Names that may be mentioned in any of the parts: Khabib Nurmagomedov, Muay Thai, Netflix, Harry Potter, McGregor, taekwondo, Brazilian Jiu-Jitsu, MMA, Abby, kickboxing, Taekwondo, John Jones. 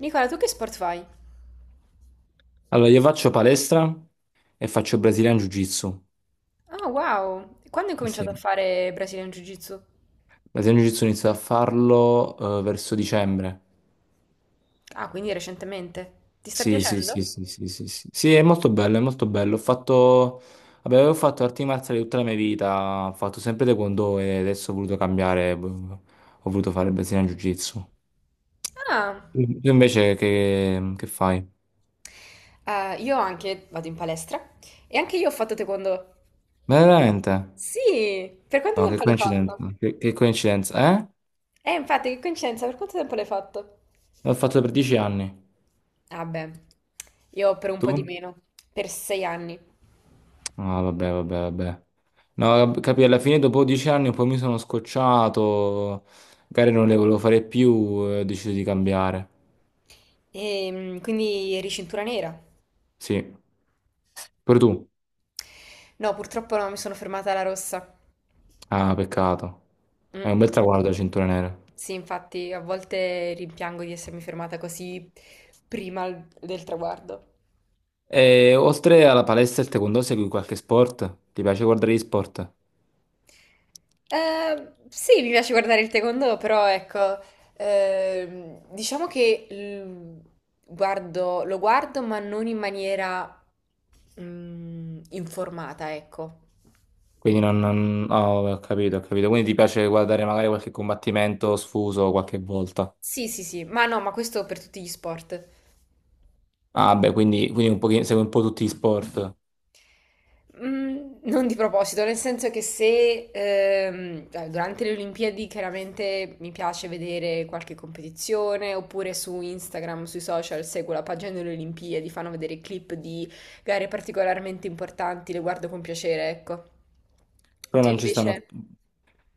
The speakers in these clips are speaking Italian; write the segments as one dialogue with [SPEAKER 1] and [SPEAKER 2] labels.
[SPEAKER 1] Nicola, tu che sport fai?
[SPEAKER 2] Allora, io faccio palestra e faccio Brazilian Jiu-Jitsu.
[SPEAKER 1] Ah, wow! Quando hai
[SPEAKER 2] Eh
[SPEAKER 1] cominciato a
[SPEAKER 2] sì,
[SPEAKER 1] fare Brazilian Jiu-Jitsu?
[SPEAKER 2] Brazilian Jiu-Jitsu inizio a farlo verso dicembre.
[SPEAKER 1] Ah, quindi recentemente. Ti sta
[SPEAKER 2] Sì, sì, sì,
[SPEAKER 1] piacendo?
[SPEAKER 2] sì, sì, sì, sì. Sì, sì, è molto bello, è molto bello. Vabbè, avevo fatto arti marziali tutta la mia vita, ho fatto sempre Taekwondo e adesso ho voluto cambiare, boh, ho voluto fare Brazilian Jiu-Jitsu.
[SPEAKER 1] Ah,
[SPEAKER 2] Tu invece che fai?
[SPEAKER 1] io anche vado in palestra e anche io ho fatto taekwondo.
[SPEAKER 2] Ma veramente?
[SPEAKER 1] Sì, per quanto
[SPEAKER 2] No, che
[SPEAKER 1] tempo l'hai fatto?
[SPEAKER 2] coincidenza, che coincidenza, eh?
[SPEAKER 1] Infatti, che coincidenza, per quanto tempo l'hai fatto?
[SPEAKER 2] L'ho fatto per 10 anni.
[SPEAKER 1] Ah, beh, io per un po' di
[SPEAKER 2] Tu?
[SPEAKER 1] meno, per 6 anni.
[SPEAKER 2] Ah, vabbè, vabbè, vabbè. No, capì, alla fine dopo 10 anni poi mi sono scocciato, magari non le volevo fare più e ho deciso di cambiare.
[SPEAKER 1] E quindi eri cintura nera?
[SPEAKER 2] Sì, pure tu.
[SPEAKER 1] No, purtroppo no, mi sono fermata alla rossa.
[SPEAKER 2] Ah, peccato.
[SPEAKER 1] Mm.
[SPEAKER 2] È un bel traguardo la cintura nera.
[SPEAKER 1] Sì, infatti a volte rimpiango di essermi fermata così prima del traguardo.
[SPEAKER 2] E oltre alla palestra e al taekwondo segui qualche sport? Ti piace guardare gli sport?
[SPEAKER 1] Sì, mi piace guardare il taekwondo, però ecco, diciamo che lo guardo ma non in maniera informata, ecco.
[SPEAKER 2] Quindi non... non... Oh, ho capito, ho capito. Quindi ti piace guardare magari qualche combattimento sfuso qualche volta?
[SPEAKER 1] Sì, sì, sì, ma no, ma questo per tutti gli sport.
[SPEAKER 2] Ah, beh, quindi un pochino, segui un po' tutti gli sport,
[SPEAKER 1] Mm, non di proposito, nel senso che se durante le Olimpiadi chiaramente mi piace vedere qualche competizione, oppure su Instagram, sui social, seguo la pagina delle Olimpiadi, fanno vedere clip di gare particolarmente importanti, le guardo con piacere, ecco.
[SPEAKER 2] però
[SPEAKER 1] Tu
[SPEAKER 2] non ci
[SPEAKER 1] invece?
[SPEAKER 2] stanno.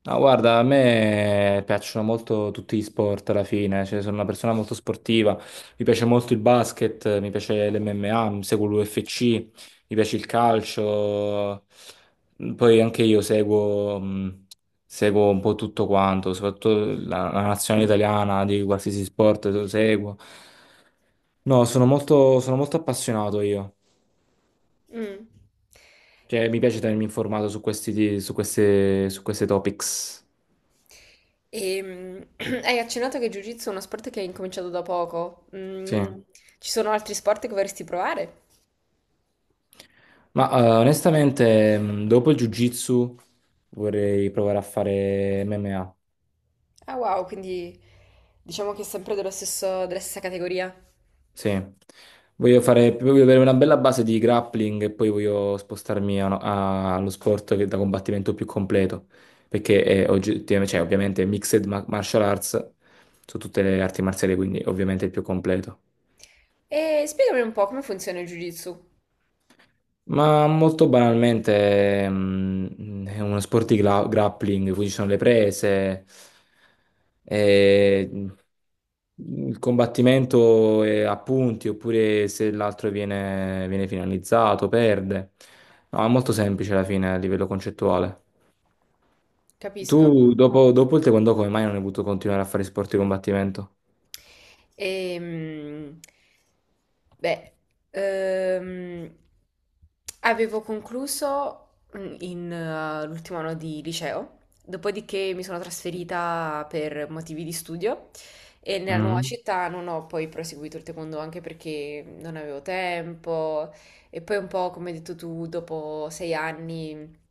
[SPEAKER 2] No, guarda, a me piacciono molto tutti gli sport alla fine, cioè, sono una persona molto sportiva, mi piace molto il basket, mi piace l'MMA, mi seguo l'UFC, mi piace il calcio, poi anche io seguo un po' tutto quanto, soprattutto la nazionale italiana di qualsiasi sport lo seguo. No, sono molto appassionato io,
[SPEAKER 1] Mm.
[SPEAKER 2] cioè mi piace tenermi informato su questi, su queste topics,
[SPEAKER 1] E, hai accennato che Jiu-Jitsu è uno sport che hai incominciato da poco.
[SPEAKER 2] sì.
[SPEAKER 1] Mm, ci sono altri sport che vorresti provare?
[SPEAKER 2] Ma onestamente, dopo il Jiu-Jitsu vorrei provare a fare MMA.
[SPEAKER 1] Ah, wow, quindi diciamo che è sempre dello stesso, della stessa categoria.
[SPEAKER 2] Sì. Voglio fare, voglio avere una bella base di grappling e poi voglio spostarmi allo sport che è da combattimento più completo, perché è oggettivamente, cioè, ovviamente mixed martial arts su tutte le arti marziali, quindi ovviamente è il più completo.
[SPEAKER 1] E spiegami un po' come funziona il Jiu-Jitsu.
[SPEAKER 2] Ma molto banalmente è uno sport di grappling, quindi ci sono le prese, e il combattimento è a punti, oppure se l'altro viene finalizzato, perde. No, è molto semplice alla fine a livello concettuale.
[SPEAKER 1] Capisco.
[SPEAKER 2] Tu dopo, dopo il taekwondo come mai non hai voluto continuare a fare sport di combattimento?
[SPEAKER 1] Ehm, beh, ehm, avevo concluso l'ultimo anno di liceo, dopodiché mi sono trasferita per motivi di studio e nella nuova
[SPEAKER 2] Mm.
[SPEAKER 1] città non ho poi proseguito il taekwondo anche perché non avevo tempo. E poi un po', come hai detto tu, dopo 6 anni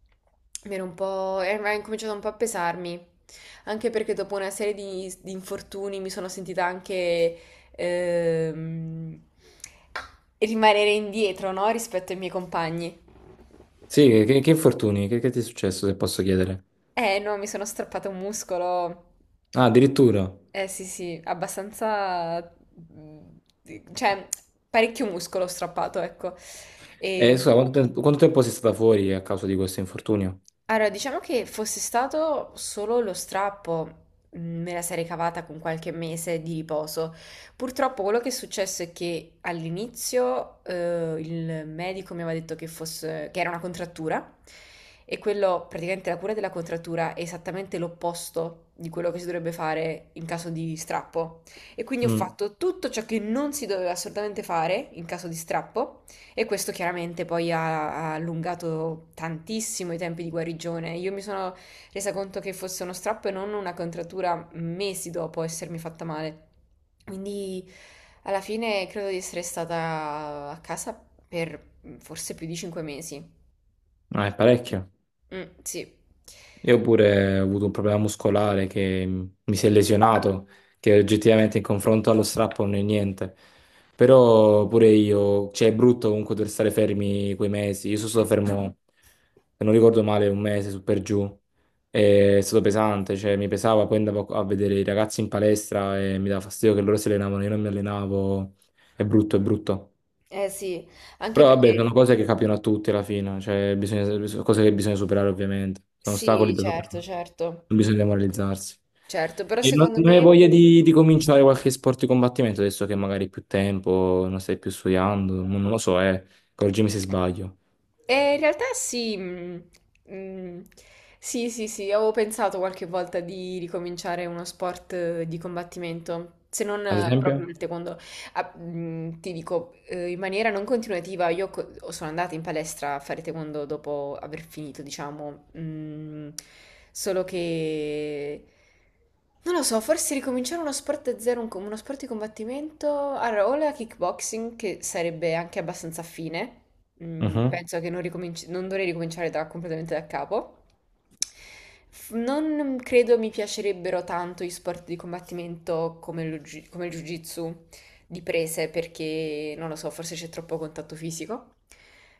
[SPEAKER 1] mi ero un po'... era incominciato un po' a pesarmi, anche perché dopo una serie di infortuni mi sono sentita anche ehm, rimanere indietro, no? Rispetto ai miei compagni.
[SPEAKER 2] Sì, che infortuni? Che ti è successo se posso chiedere?
[SPEAKER 1] Eh no, mi sono strappato un muscolo.
[SPEAKER 2] Ah, addirittura.
[SPEAKER 1] Eh sì, sì, abbastanza... mm, cioè, parecchio muscolo ho strappato, ecco.
[SPEAKER 2] E
[SPEAKER 1] E...
[SPEAKER 2] scusa, quanto tempo sei stata fuori a causa di questo infortunio?
[SPEAKER 1] Allora, diciamo che fosse stato solo lo strappo, me la sarei cavata con qualche mese di riposo. Purtroppo quello che è successo è che all'inizio il medico mi aveva detto che era una contrattura e quello, praticamente la cura della contrattura è esattamente l'opposto di quello che si dovrebbe fare in caso di strappo. E quindi ho
[SPEAKER 2] Mm.
[SPEAKER 1] fatto tutto ciò che non si doveva assolutamente fare in caso di strappo. E questo chiaramente poi ha allungato tantissimo i tempi di guarigione. Io mi sono resa conto che fosse uno strappo e non una contrattura mesi dopo essermi fatta male. Quindi alla fine credo di essere stata a casa per forse più di 5 mesi.
[SPEAKER 2] Ah, è parecchio.
[SPEAKER 1] Mm, sì.
[SPEAKER 2] Io pure ho avuto un problema muscolare che mi si è lesionato, che oggettivamente in confronto allo strappo non è niente. Però pure io, cioè è brutto comunque dover stare fermi quei mesi. Io sono stato fermo, se non ricordo male, un mese su per giù. E È stato pesante, cioè mi pesava, poi andavo a vedere i ragazzi in palestra e mi dava fastidio che loro si allenavano, io non mi allenavo. È brutto, è brutto.
[SPEAKER 1] Eh sì, anche
[SPEAKER 2] Però vabbè,
[SPEAKER 1] perché
[SPEAKER 2] sono cose che capitano a tutti alla fine, cioè cose che bisogna superare ovviamente, sono ostacoli
[SPEAKER 1] sì,
[SPEAKER 2] da
[SPEAKER 1] certo,
[SPEAKER 2] superare,
[SPEAKER 1] certo.
[SPEAKER 2] non bisogna demoralizzarsi.
[SPEAKER 1] Certo, però
[SPEAKER 2] E non,
[SPEAKER 1] secondo
[SPEAKER 2] non hai
[SPEAKER 1] me...
[SPEAKER 2] voglia di cominciare qualche sport di combattimento adesso che magari hai più tempo, non stai più studiando, non lo so, correggimi se sbaglio.
[SPEAKER 1] E in realtà sì, mm, sì, sì, sì, avevo pensato qualche volta di ricominciare uno sport di combattimento, se non
[SPEAKER 2] Ad
[SPEAKER 1] proprio
[SPEAKER 2] esempio?
[SPEAKER 1] il taekwondo. Ah, ti dico, in maniera non continuativa, io sono andata in palestra a fare taekwondo dopo aver finito, diciamo, solo che... Non lo so, forse ricominciare uno sport da zero, uno sport di combattimento, allora, o la kickboxing, che sarebbe anche abbastanza affine. Mm,
[SPEAKER 2] Mhm.
[SPEAKER 1] penso che non, non dovrei ricominciare completamente da capo. Non credo mi piacerebbero tanto gli sport di combattimento come come il jiu-jitsu di prese perché, non lo so, forse c'è troppo contatto fisico.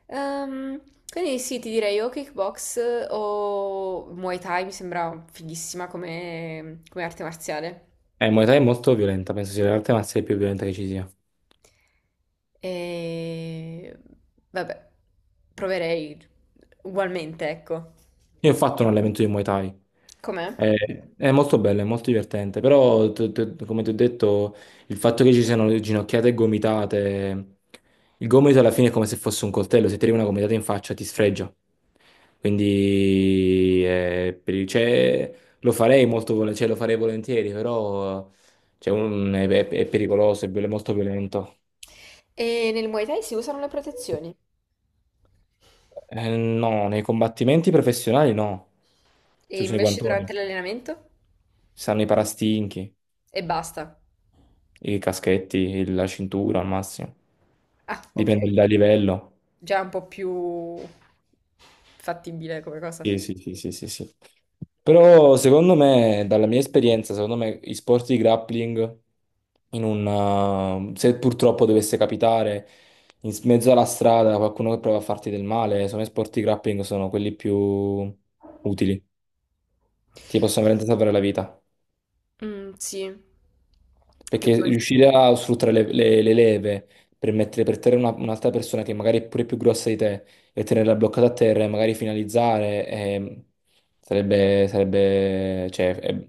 [SPEAKER 1] Ehm, quindi sì, ti direi o kickbox o Muay Thai, mi sembra fighissima come, come arte marziale.
[SPEAKER 2] Muay Thai è molto violenta, penso sia l'arte marziale più violenta che ci sia.
[SPEAKER 1] E vabbè, proverei ugualmente, ecco.
[SPEAKER 2] Io ho fatto un allenamento di Muay Thai.
[SPEAKER 1] Com'è?
[SPEAKER 2] È, è molto bello, è molto divertente, però come ti ho detto, il fatto che ci siano le ginocchiate e gomitate, il gomito alla fine è come se fosse un coltello, se ti arriva una gomitata in faccia ti sfregia. Quindi cioè, lo farei molto vol- cioè, lo farei volentieri, però cioè, è pericoloso, molto violento.
[SPEAKER 1] E nel Muay Thai si usano le protezioni.
[SPEAKER 2] No, nei combattimenti professionali no,
[SPEAKER 1] E
[SPEAKER 2] si usano i
[SPEAKER 1] invece
[SPEAKER 2] guantoni,
[SPEAKER 1] durante l'allenamento?
[SPEAKER 2] si usano i parastinchi.
[SPEAKER 1] E basta.
[SPEAKER 2] I caschetti, la cintura al massimo.
[SPEAKER 1] Ah, ok.
[SPEAKER 2] Dipende dal livello.
[SPEAKER 1] Già un po' più fattibile come cosa.
[SPEAKER 2] Sì, sì, sì, sì, sì, sì. Però secondo me, dalla mia esperienza, secondo me i sport di grappling, in un, se purtroppo dovesse capitare mezzo alla strada qualcuno che prova a farti del male, secondo me sport di grappling sono quelli più utili. Ti possono veramente salvare la vita.
[SPEAKER 1] Mm, sì. Che
[SPEAKER 2] Perché
[SPEAKER 1] poi...
[SPEAKER 2] riuscire a sfruttare le leve per mettere per terra un'altra persona che magari è pure più grossa di te e tenerla bloccata a terra e magari finalizzare cioè, è,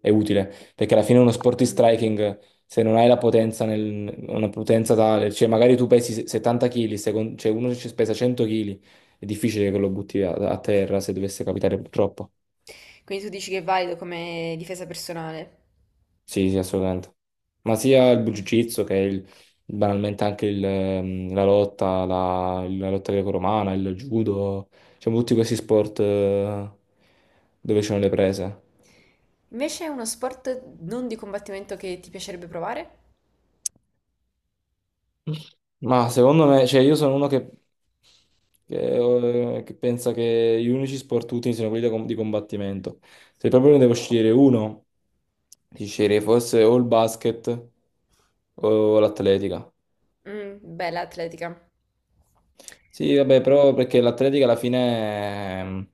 [SPEAKER 2] è utile. Perché alla fine uno sport di striking, se non hai la potenza, una potenza tale, cioè magari tu pesi 70 kg, cioè uno ci pesa 100 kg, è difficile che lo butti a terra se dovesse capitare purtroppo.
[SPEAKER 1] Quindi tu dici che è valido come difesa personale.
[SPEAKER 2] Sì, sì, assolutamente. Ma sia il Jiu-Jitsu che banalmente anche la lotta, la lotta greco-romana, il judo, diciamo tutti questi sport dove ci sono le prese.
[SPEAKER 1] Invece è uno sport non di combattimento che ti piacerebbe provare?
[SPEAKER 2] Ma secondo me, cioè io sono uno che pensa che gli unici sport utili siano quelli da di combattimento. Se proprio ne devo scegliere uno, ti sceglierei forse o il basket o l'atletica.
[SPEAKER 1] Mm, bella atletica.
[SPEAKER 2] Sì, vabbè, però perché l'Atletica alla fine,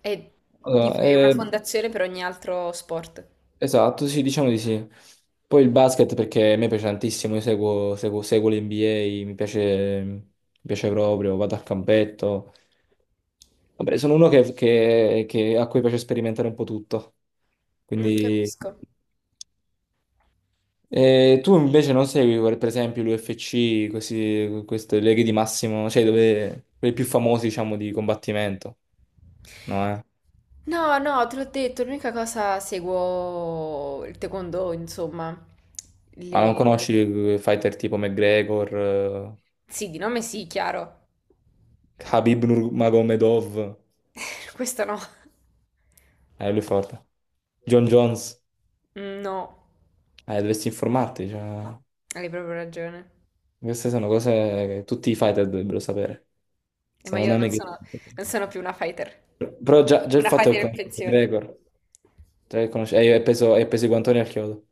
[SPEAKER 1] È,
[SPEAKER 2] allora,
[SPEAKER 1] è una fondazione per ogni altro sport.
[SPEAKER 2] esatto, sì, diciamo di sì. Poi il basket perché a me piace tantissimo, io seguo l'NBA, mi piace proprio, vado al campetto. Vabbè, sono uno a cui piace sperimentare un po' tutto.
[SPEAKER 1] Mm,
[SPEAKER 2] Quindi...
[SPEAKER 1] capisco.
[SPEAKER 2] Tu invece non segui, per esempio, l'UFC, queste leghe di massimo, cioè dove, quelli più famosi, diciamo, di combattimento, no? Eh?
[SPEAKER 1] No, no, te l'ho detto, l'unica cosa seguo il taekwondo, insomma.
[SPEAKER 2] Ma non
[SPEAKER 1] Le...
[SPEAKER 2] conosci fighter tipo McGregor,
[SPEAKER 1] Sì, di nome sì, chiaro.
[SPEAKER 2] Khabib Nurmagomedov?
[SPEAKER 1] Questo no.
[SPEAKER 2] Lui è forte. John Jones?
[SPEAKER 1] Mm, no,
[SPEAKER 2] Dovresti informarti, cioè,
[SPEAKER 1] hai proprio ragione.
[SPEAKER 2] queste sono cose che tutti i fighter dovrebbero sapere.
[SPEAKER 1] Ma
[SPEAKER 2] Sono
[SPEAKER 1] io non
[SPEAKER 2] nomi che.
[SPEAKER 1] sono, non sono più una fighter.
[SPEAKER 2] Però già, già il
[SPEAKER 1] Una
[SPEAKER 2] fatto che
[SPEAKER 1] fighter in
[SPEAKER 2] conosci
[SPEAKER 1] pensione.
[SPEAKER 2] McGregor, già che conosci. E hai peso i guantoni al chiodo.